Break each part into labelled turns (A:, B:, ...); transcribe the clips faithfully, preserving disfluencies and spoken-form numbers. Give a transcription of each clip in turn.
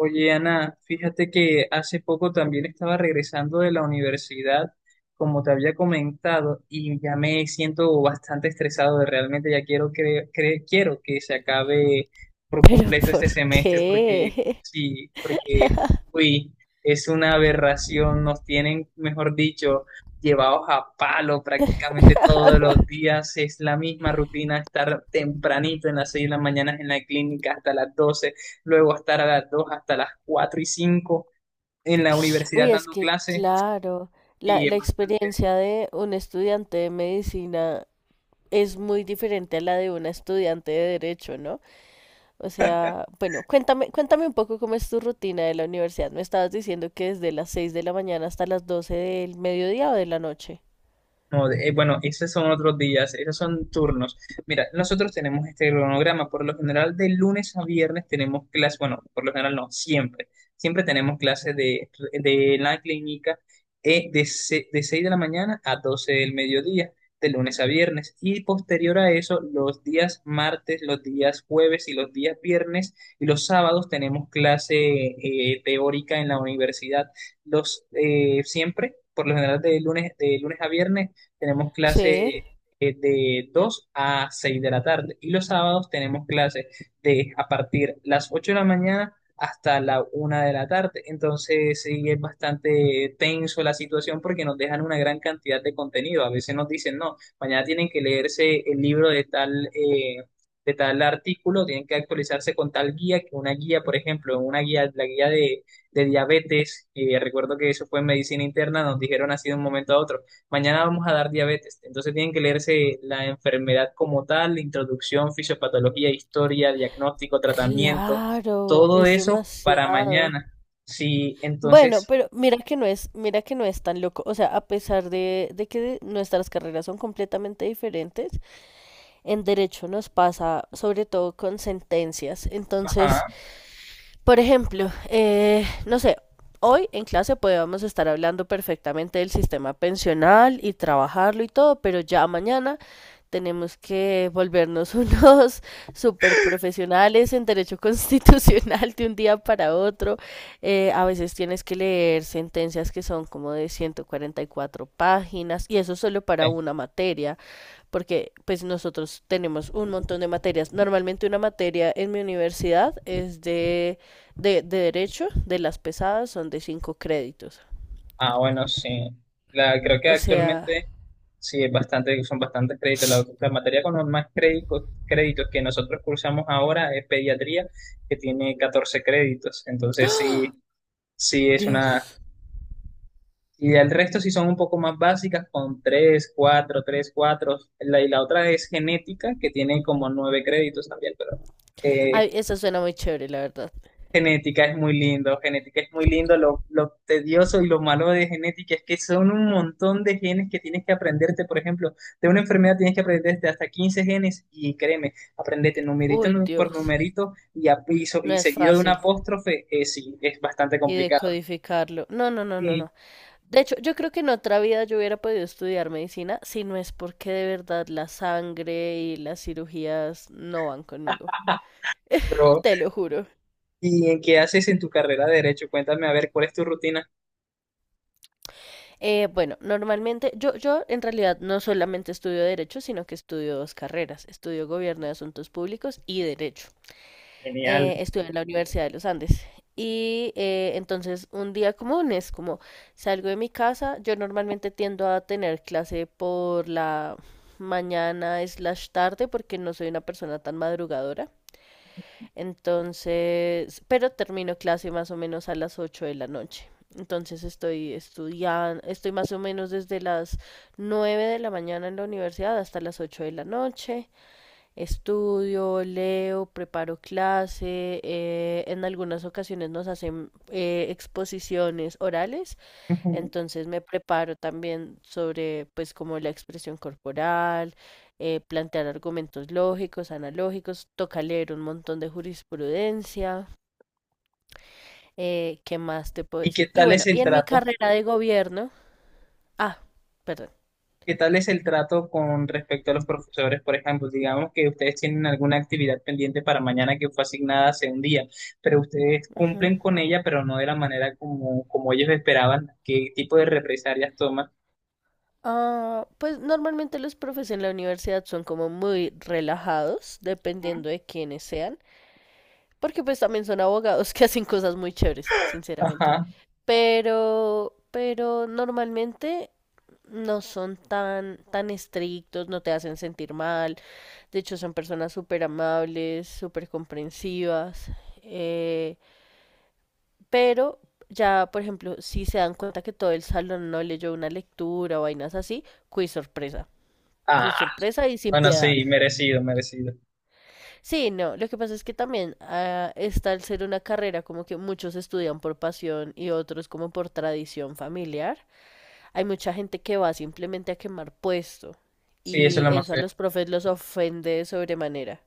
A: Oye, Ana, fíjate que hace poco también estaba regresando de la universidad, como te había comentado, y ya me siento bastante estresado de realmente ya quiero que, cre- quiero que se acabe por
B: ¿Pero
A: completo
B: por
A: este semestre porque
B: qué?
A: sí, porque uy, es una aberración, nos tienen, mejor dicho, llevados a palo prácticamente todos los días, es la misma rutina, estar tempranito en las seis de la mañana en la clínica hasta las doce, luego estar a las dos hasta las cuatro y cinco en la universidad
B: Uy, es
A: dando
B: que
A: clases
B: claro, la,
A: y
B: la
A: es bastante.
B: experiencia de un estudiante de medicina es muy diferente a la de una estudiante de derecho, ¿no? O sea, bueno, cuéntame, cuéntame un poco cómo es tu rutina de la universidad. Me estabas diciendo que desde las seis de la mañana hasta las doce del mediodía o de la noche.
A: No, de- eh, bueno, esos son otros días, esos son turnos. Mira, nosotros tenemos este cronograma. Por lo general, de lunes a viernes tenemos clases, bueno, por lo general no, siempre. Siempre tenemos clases de, de la clínica, eh, de, se- de seis de la mañana a doce del mediodía, de lunes a viernes. Y posterior a eso, los días martes, los días jueves y los días viernes y los sábados tenemos clase eh, teórica en la universidad. Los eh, siempre, por lo general de lunes, de lunes a viernes, tenemos
B: Sí,
A: clase eh, de dos a seis de la tarde y los sábados tenemos clases de a partir las ocho de la mañana hasta la una de la tarde. Entonces sí es bastante tenso la situación porque nos dejan una gran cantidad de contenido. A veces nos dicen, no, mañana tienen que leerse el libro de tal... eh, de tal artículo, tienen que actualizarse con tal guía, que una guía, por ejemplo, una guía, la guía de, de diabetes, eh, recuerdo que eso fue en medicina interna, nos dijeron así de un momento a otro, mañana vamos a dar diabetes. Entonces tienen que leerse la enfermedad como tal, introducción, fisiopatología, historia, diagnóstico, tratamiento,
B: claro,
A: todo
B: es
A: eso para
B: demasiado.
A: mañana. Sí,
B: Bueno,
A: entonces,
B: pero mira que no es, mira que no es tan loco. O sea, a pesar de, de que nuestras carreras son completamente diferentes, en derecho nos pasa sobre todo con sentencias. Entonces,
A: ajá.
B: por ejemplo, eh, no sé, hoy en clase podemos estar hablando perfectamente del sistema pensional y trabajarlo y todo, pero ya mañana tenemos que volvernos unos super profesionales en derecho constitucional de un día para otro. Eh, a veces tienes que leer sentencias que son como de ciento cuarenta y cuatro páginas y eso solo para
A: eh,
B: una materia porque pues nosotros tenemos un montón de materias. Normalmente una materia en mi universidad es de, de, de derecho, de las pesadas son de cinco créditos.
A: Ah, bueno, sí. La, creo que
B: O sea,
A: actualmente sí es bastante, son bastantes créditos. La, la materia con los más créditos, créditos que nosotros cursamos ahora es pediatría, que tiene catorce créditos. Entonces sí, sí es una.
B: Dios.
A: Y el resto sí son un poco más básicas con tres cuatro tres cuatro. La, y la otra es genética, que tiene como nueve créditos también, pero
B: Ay,
A: eh,
B: esa suena muy chévere, la verdad.
A: genética es muy lindo, genética es muy lindo. Lo, lo tedioso y lo malo de genética es que son un montón de genes que tienes que aprenderte. Por ejemplo, de una enfermedad tienes que aprenderte hasta quince genes y créeme, aprendete numerito
B: Uy,
A: nu- por
B: Dios.
A: numerito y, a- y, so-
B: No
A: y
B: es
A: seguido de un
B: fácil.
A: apóstrofe, eh, sí, es bastante
B: Y
A: complicado.
B: decodificarlo. No, no, no, no,
A: Sí.
B: no. De hecho, yo creo que en otra vida yo hubiera podido estudiar medicina si no es porque de verdad la sangre y las cirugías no van conmigo.
A: Pero
B: Te lo juro.
A: ¿y en qué haces en tu carrera de derecho? Cuéntame a ver cuál es tu rutina.
B: Eh, bueno, normalmente yo, yo en realidad no solamente estudio derecho, sino que estudio dos carreras. Estudio gobierno de asuntos públicos y derecho.
A: Genial.
B: Eh, estudio en la Universidad de los Andes. Y eh, entonces un día común es como salgo de mi casa, yo normalmente tiendo a tener clase por la mañana slash tarde porque no soy una persona tan madrugadora. Entonces, pero termino clase más o menos a las ocho de la noche. Entonces estoy estudiando, estoy más o menos desde las nueve de la mañana en la universidad hasta las ocho de la noche. Estudio, leo, preparo clase. Eh, en algunas ocasiones nos hacen eh, exposiciones orales,
A: Ujú.
B: entonces me preparo también sobre, pues, como la expresión corporal, eh, plantear argumentos lógicos, analógicos, toca leer un montón de jurisprudencia, eh, ¿qué más te puedo
A: ¿Y qué
B: decir? Y
A: tal
B: bueno,
A: es
B: y
A: el
B: en mi
A: trato?
B: carrera de gobierno, ah, perdón.
A: ¿Qué tal es el trato con respecto a los profesores? Por ejemplo, digamos que ustedes tienen alguna actividad pendiente para mañana que fue asignada hace un día, pero ustedes
B: Ujú,
A: cumplen con ella, pero no de la manera como, como ellos esperaban. ¿Qué tipo de represalias toman?
B: ah, pues normalmente los profes en la universidad son como muy relajados,
A: Ujú.
B: dependiendo de quiénes sean. Porque pues también son abogados que hacen cosas muy chéveres, sinceramente.
A: Ajá.
B: Pero, pero normalmente no son tan, tan estrictos, no te hacen sentir mal. De hecho, son personas súper amables, súper comprensivas. eh, pero ya, por ejemplo, si se dan cuenta que todo el salón no leyó una lectura o vainas así, quiz sorpresa.
A: Ah,
B: Quiz sorpresa y sin
A: bueno,
B: piedad.
A: sí, merecido, merecido.
B: Sí, no, lo que pasa es que también ah, está al ser una carrera como que muchos estudian por pasión y otros como por tradición familiar. Hay mucha gente que va simplemente a quemar puesto
A: Sí, eso es
B: y
A: lo más
B: eso a
A: feo.
B: los profes los ofende de sobremanera.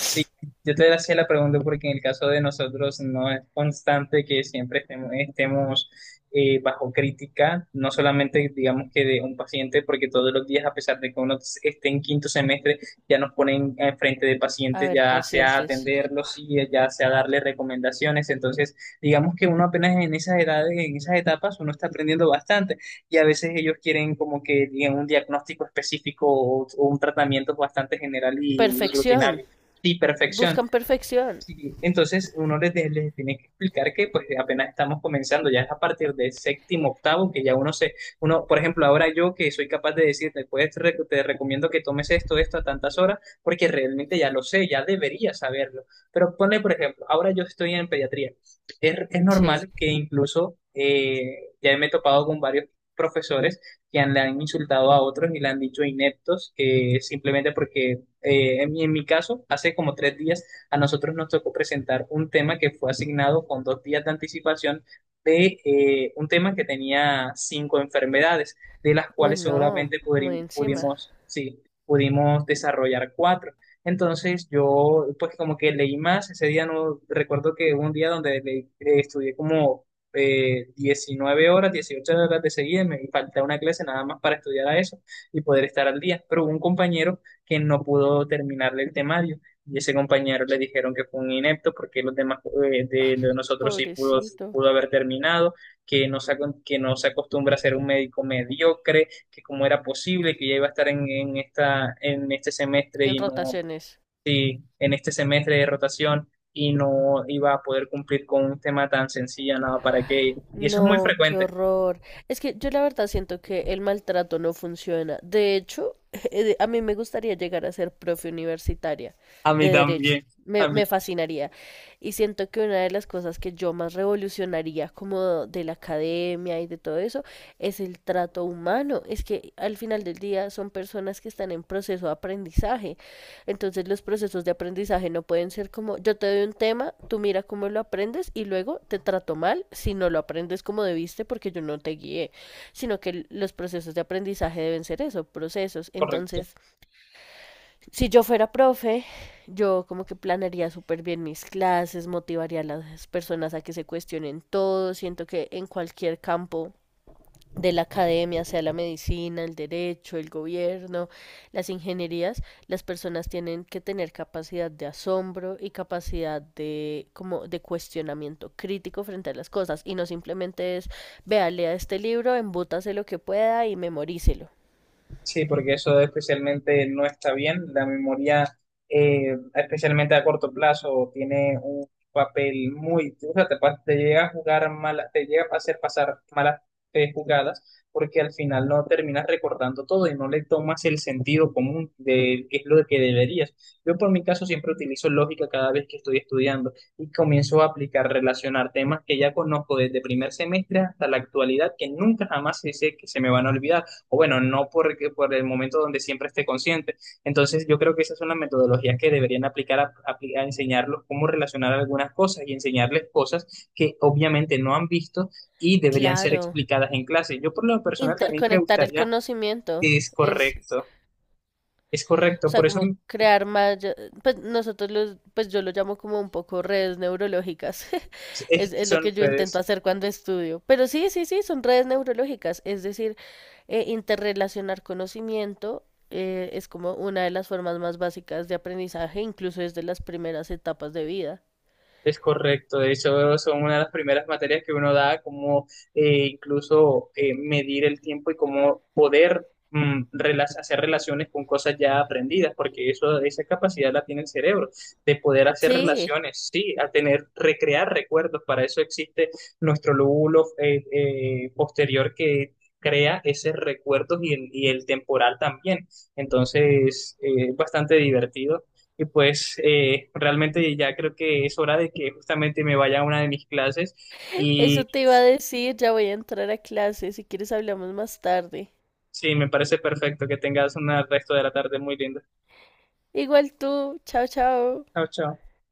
A: Sí, yo te hacía la pregunta porque en el caso de nosotros no es constante que siempre estemos, estemos, eh, bajo crítica, no solamente digamos que de un paciente, porque todos los días, a pesar de que uno esté en quinto semestre, ya nos ponen enfrente de
B: A
A: pacientes,
B: ver,
A: ya sea a
B: pacientes.
A: atenderlos y ya sea a darle recomendaciones. Entonces, digamos que uno apenas en esas edades, en esas etapas, uno está aprendiendo bastante y a veces ellos quieren como que digan un diagnóstico específico o, o un tratamiento bastante general y
B: Perfección.
A: rutinario. Sí, perfección.
B: Buscan perfección.
A: Sí, entonces uno les, de- les tiene que explicar que pues apenas estamos comenzando, ya es a partir del séptimo, octavo, que ya uno se, uno, por ejemplo, ahora yo que soy capaz de decirte, pues te rec- te recomiendo que tomes esto, esto a tantas horas, porque realmente ya
B: Sí,
A: lo sé, ya debería saberlo. Pero ponle, por ejemplo, ahora yo estoy en pediatría. Es, es
B: sí.
A: normal que incluso eh, ya me he topado con varios profesores que han, le han insultado a otros y le han dicho ineptos, que simplemente porque eh, en mi en mi caso, hace como tres días a nosotros nos tocó presentar un tema que fue asignado con dos días de anticipación de eh, un tema que tenía cinco enfermedades, de las
B: Uy,
A: cuales
B: no,
A: solamente pudri-
B: muy encima.
A: pudimos, sí, pudimos desarrollar cuatro. Entonces yo pues como que leí más, ese día no recuerdo que hubo un día donde le- eh, estudié como eh, diecinueve horas, dieciocho horas de seguida, y me faltaba una clase nada más para estudiar a eso y poder estar al día, pero hubo un compañero que no pudo terminarle el temario y ese compañero le dijeron que fue un inepto porque los demás eh,
B: Ay,
A: de, de nosotros sí pudo,
B: pobrecito.
A: pudo haber terminado, que no se, acon- que no se acostumbra a ser un médico mediocre, que cómo era posible que ya iba a estar en, en esta, en este semestre
B: En
A: y no,
B: rotaciones.
A: sí, en este semestre de rotación y no iba a poder cumplir con un tema tan sencillo, nada, para qué. Y eso es muy
B: No, qué
A: frecuente.
B: horror. Es que yo la verdad siento que el maltrato no funciona. De hecho, eh, a mí me gustaría llegar a ser profe universitaria
A: A
B: de
A: mí
B: derecho.
A: también,
B: Me,
A: a mí,
B: me fascinaría. Y siento que una de las cosas que yo más revolucionaría como de la academia y de todo eso es el trato humano. Es que al final del día son personas que están en proceso de aprendizaje, entonces los procesos de aprendizaje no pueden ser como yo te doy un tema, tú mira cómo lo aprendes y luego te trato mal si no lo aprendes como debiste porque yo no te guié, sino que los procesos de aprendizaje deben ser eso, procesos.
A: correcto.
B: Entonces, si yo fuera profe, yo como que planearía súper bien mis clases, motivaría a las personas a que se cuestionen todo, siento que en cualquier campo de la academia, sea la medicina, el derecho, el gobierno, las ingenierías, las personas tienen que tener capacidad de asombro y capacidad de como de cuestionamiento crítico frente a las cosas y no simplemente es vea, lea este libro, embútase lo que pueda y memorícelo.
A: Sí, porque eso especialmente no está bien. La memoria, eh, especialmente a corto plazo, tiene un papel muy... O sea, te, pa- te llega a jugar mala, te llega a hacer pasar malas eh, jugadas porque al final no terminas recordando todo y no le tomas el sentido común de qué es lo que deberías. Yo por mi caso siempre utilizo lógica cada vez que estoy estudiando y comienzo a aplicar, relacionar temas que ya conozco desde primer semestre hasta la actualidad que nunca jamás sé que se me van a olvidar, o bueno, no porque, por el momento donde siempre esté consciente. Entonces, yo creo que esas son las metodologías que deberían aplicar a, apli- a enseñarlos cómo relacionar algunas cosas y enseñarles cosas que obviamente no han visto y deberían ser
B: Claro,
A: explicadas en clase. Yo por lo personal también me
B: interconectar el
A: gustaría,
B: conocimiento
A: es
B: es
A: correcto, es
B: O
A: correcto,
B: sea,
A: por eso
B: como crear más, ya- pues nosotros los, pues yo lo llamo como un poco redes neurológicas.
A: es
B: Es,
A: que
B: es lo
A: son
B: que yo intento
A: redes.
B: hacer cuando estudio. Pero sí, sí, sí, son redes neurológicas. Es decir, eh, interrelacionar conocimiento eh, es como una de las formas más básicas de aprendizaje, incluso desde las primeras etapas de vida.
A: Es correcto, de hecho son una de las primeras materias que uno da, como eh, incluso eh, medir el tiempo y cómo poder mm, rela- hacer relaciones con cosas ya aprendidas, porque eso, esa capacidad la tiene el cerebro, de poder hacer
B: Sí,
A: relaciones, sí, a tener, recrear recuerdos, para eso existe nuestro lóbulo eh, eh, posterior que crea esos recuerdos y el, y el temporal también, entonces eh, es bastante divertido y pues eh, realmente ya creo que es hora de que justamente me vaya a una de mis clases y
B: eso te iba a decir, ya voy a entrar a clase, si quieres hablamos más tarde.
A: sí, me parece perfecto que tengas un resto de la tarde muy linda.
B: Igual tú, chao, chao.
A: Chao, chao.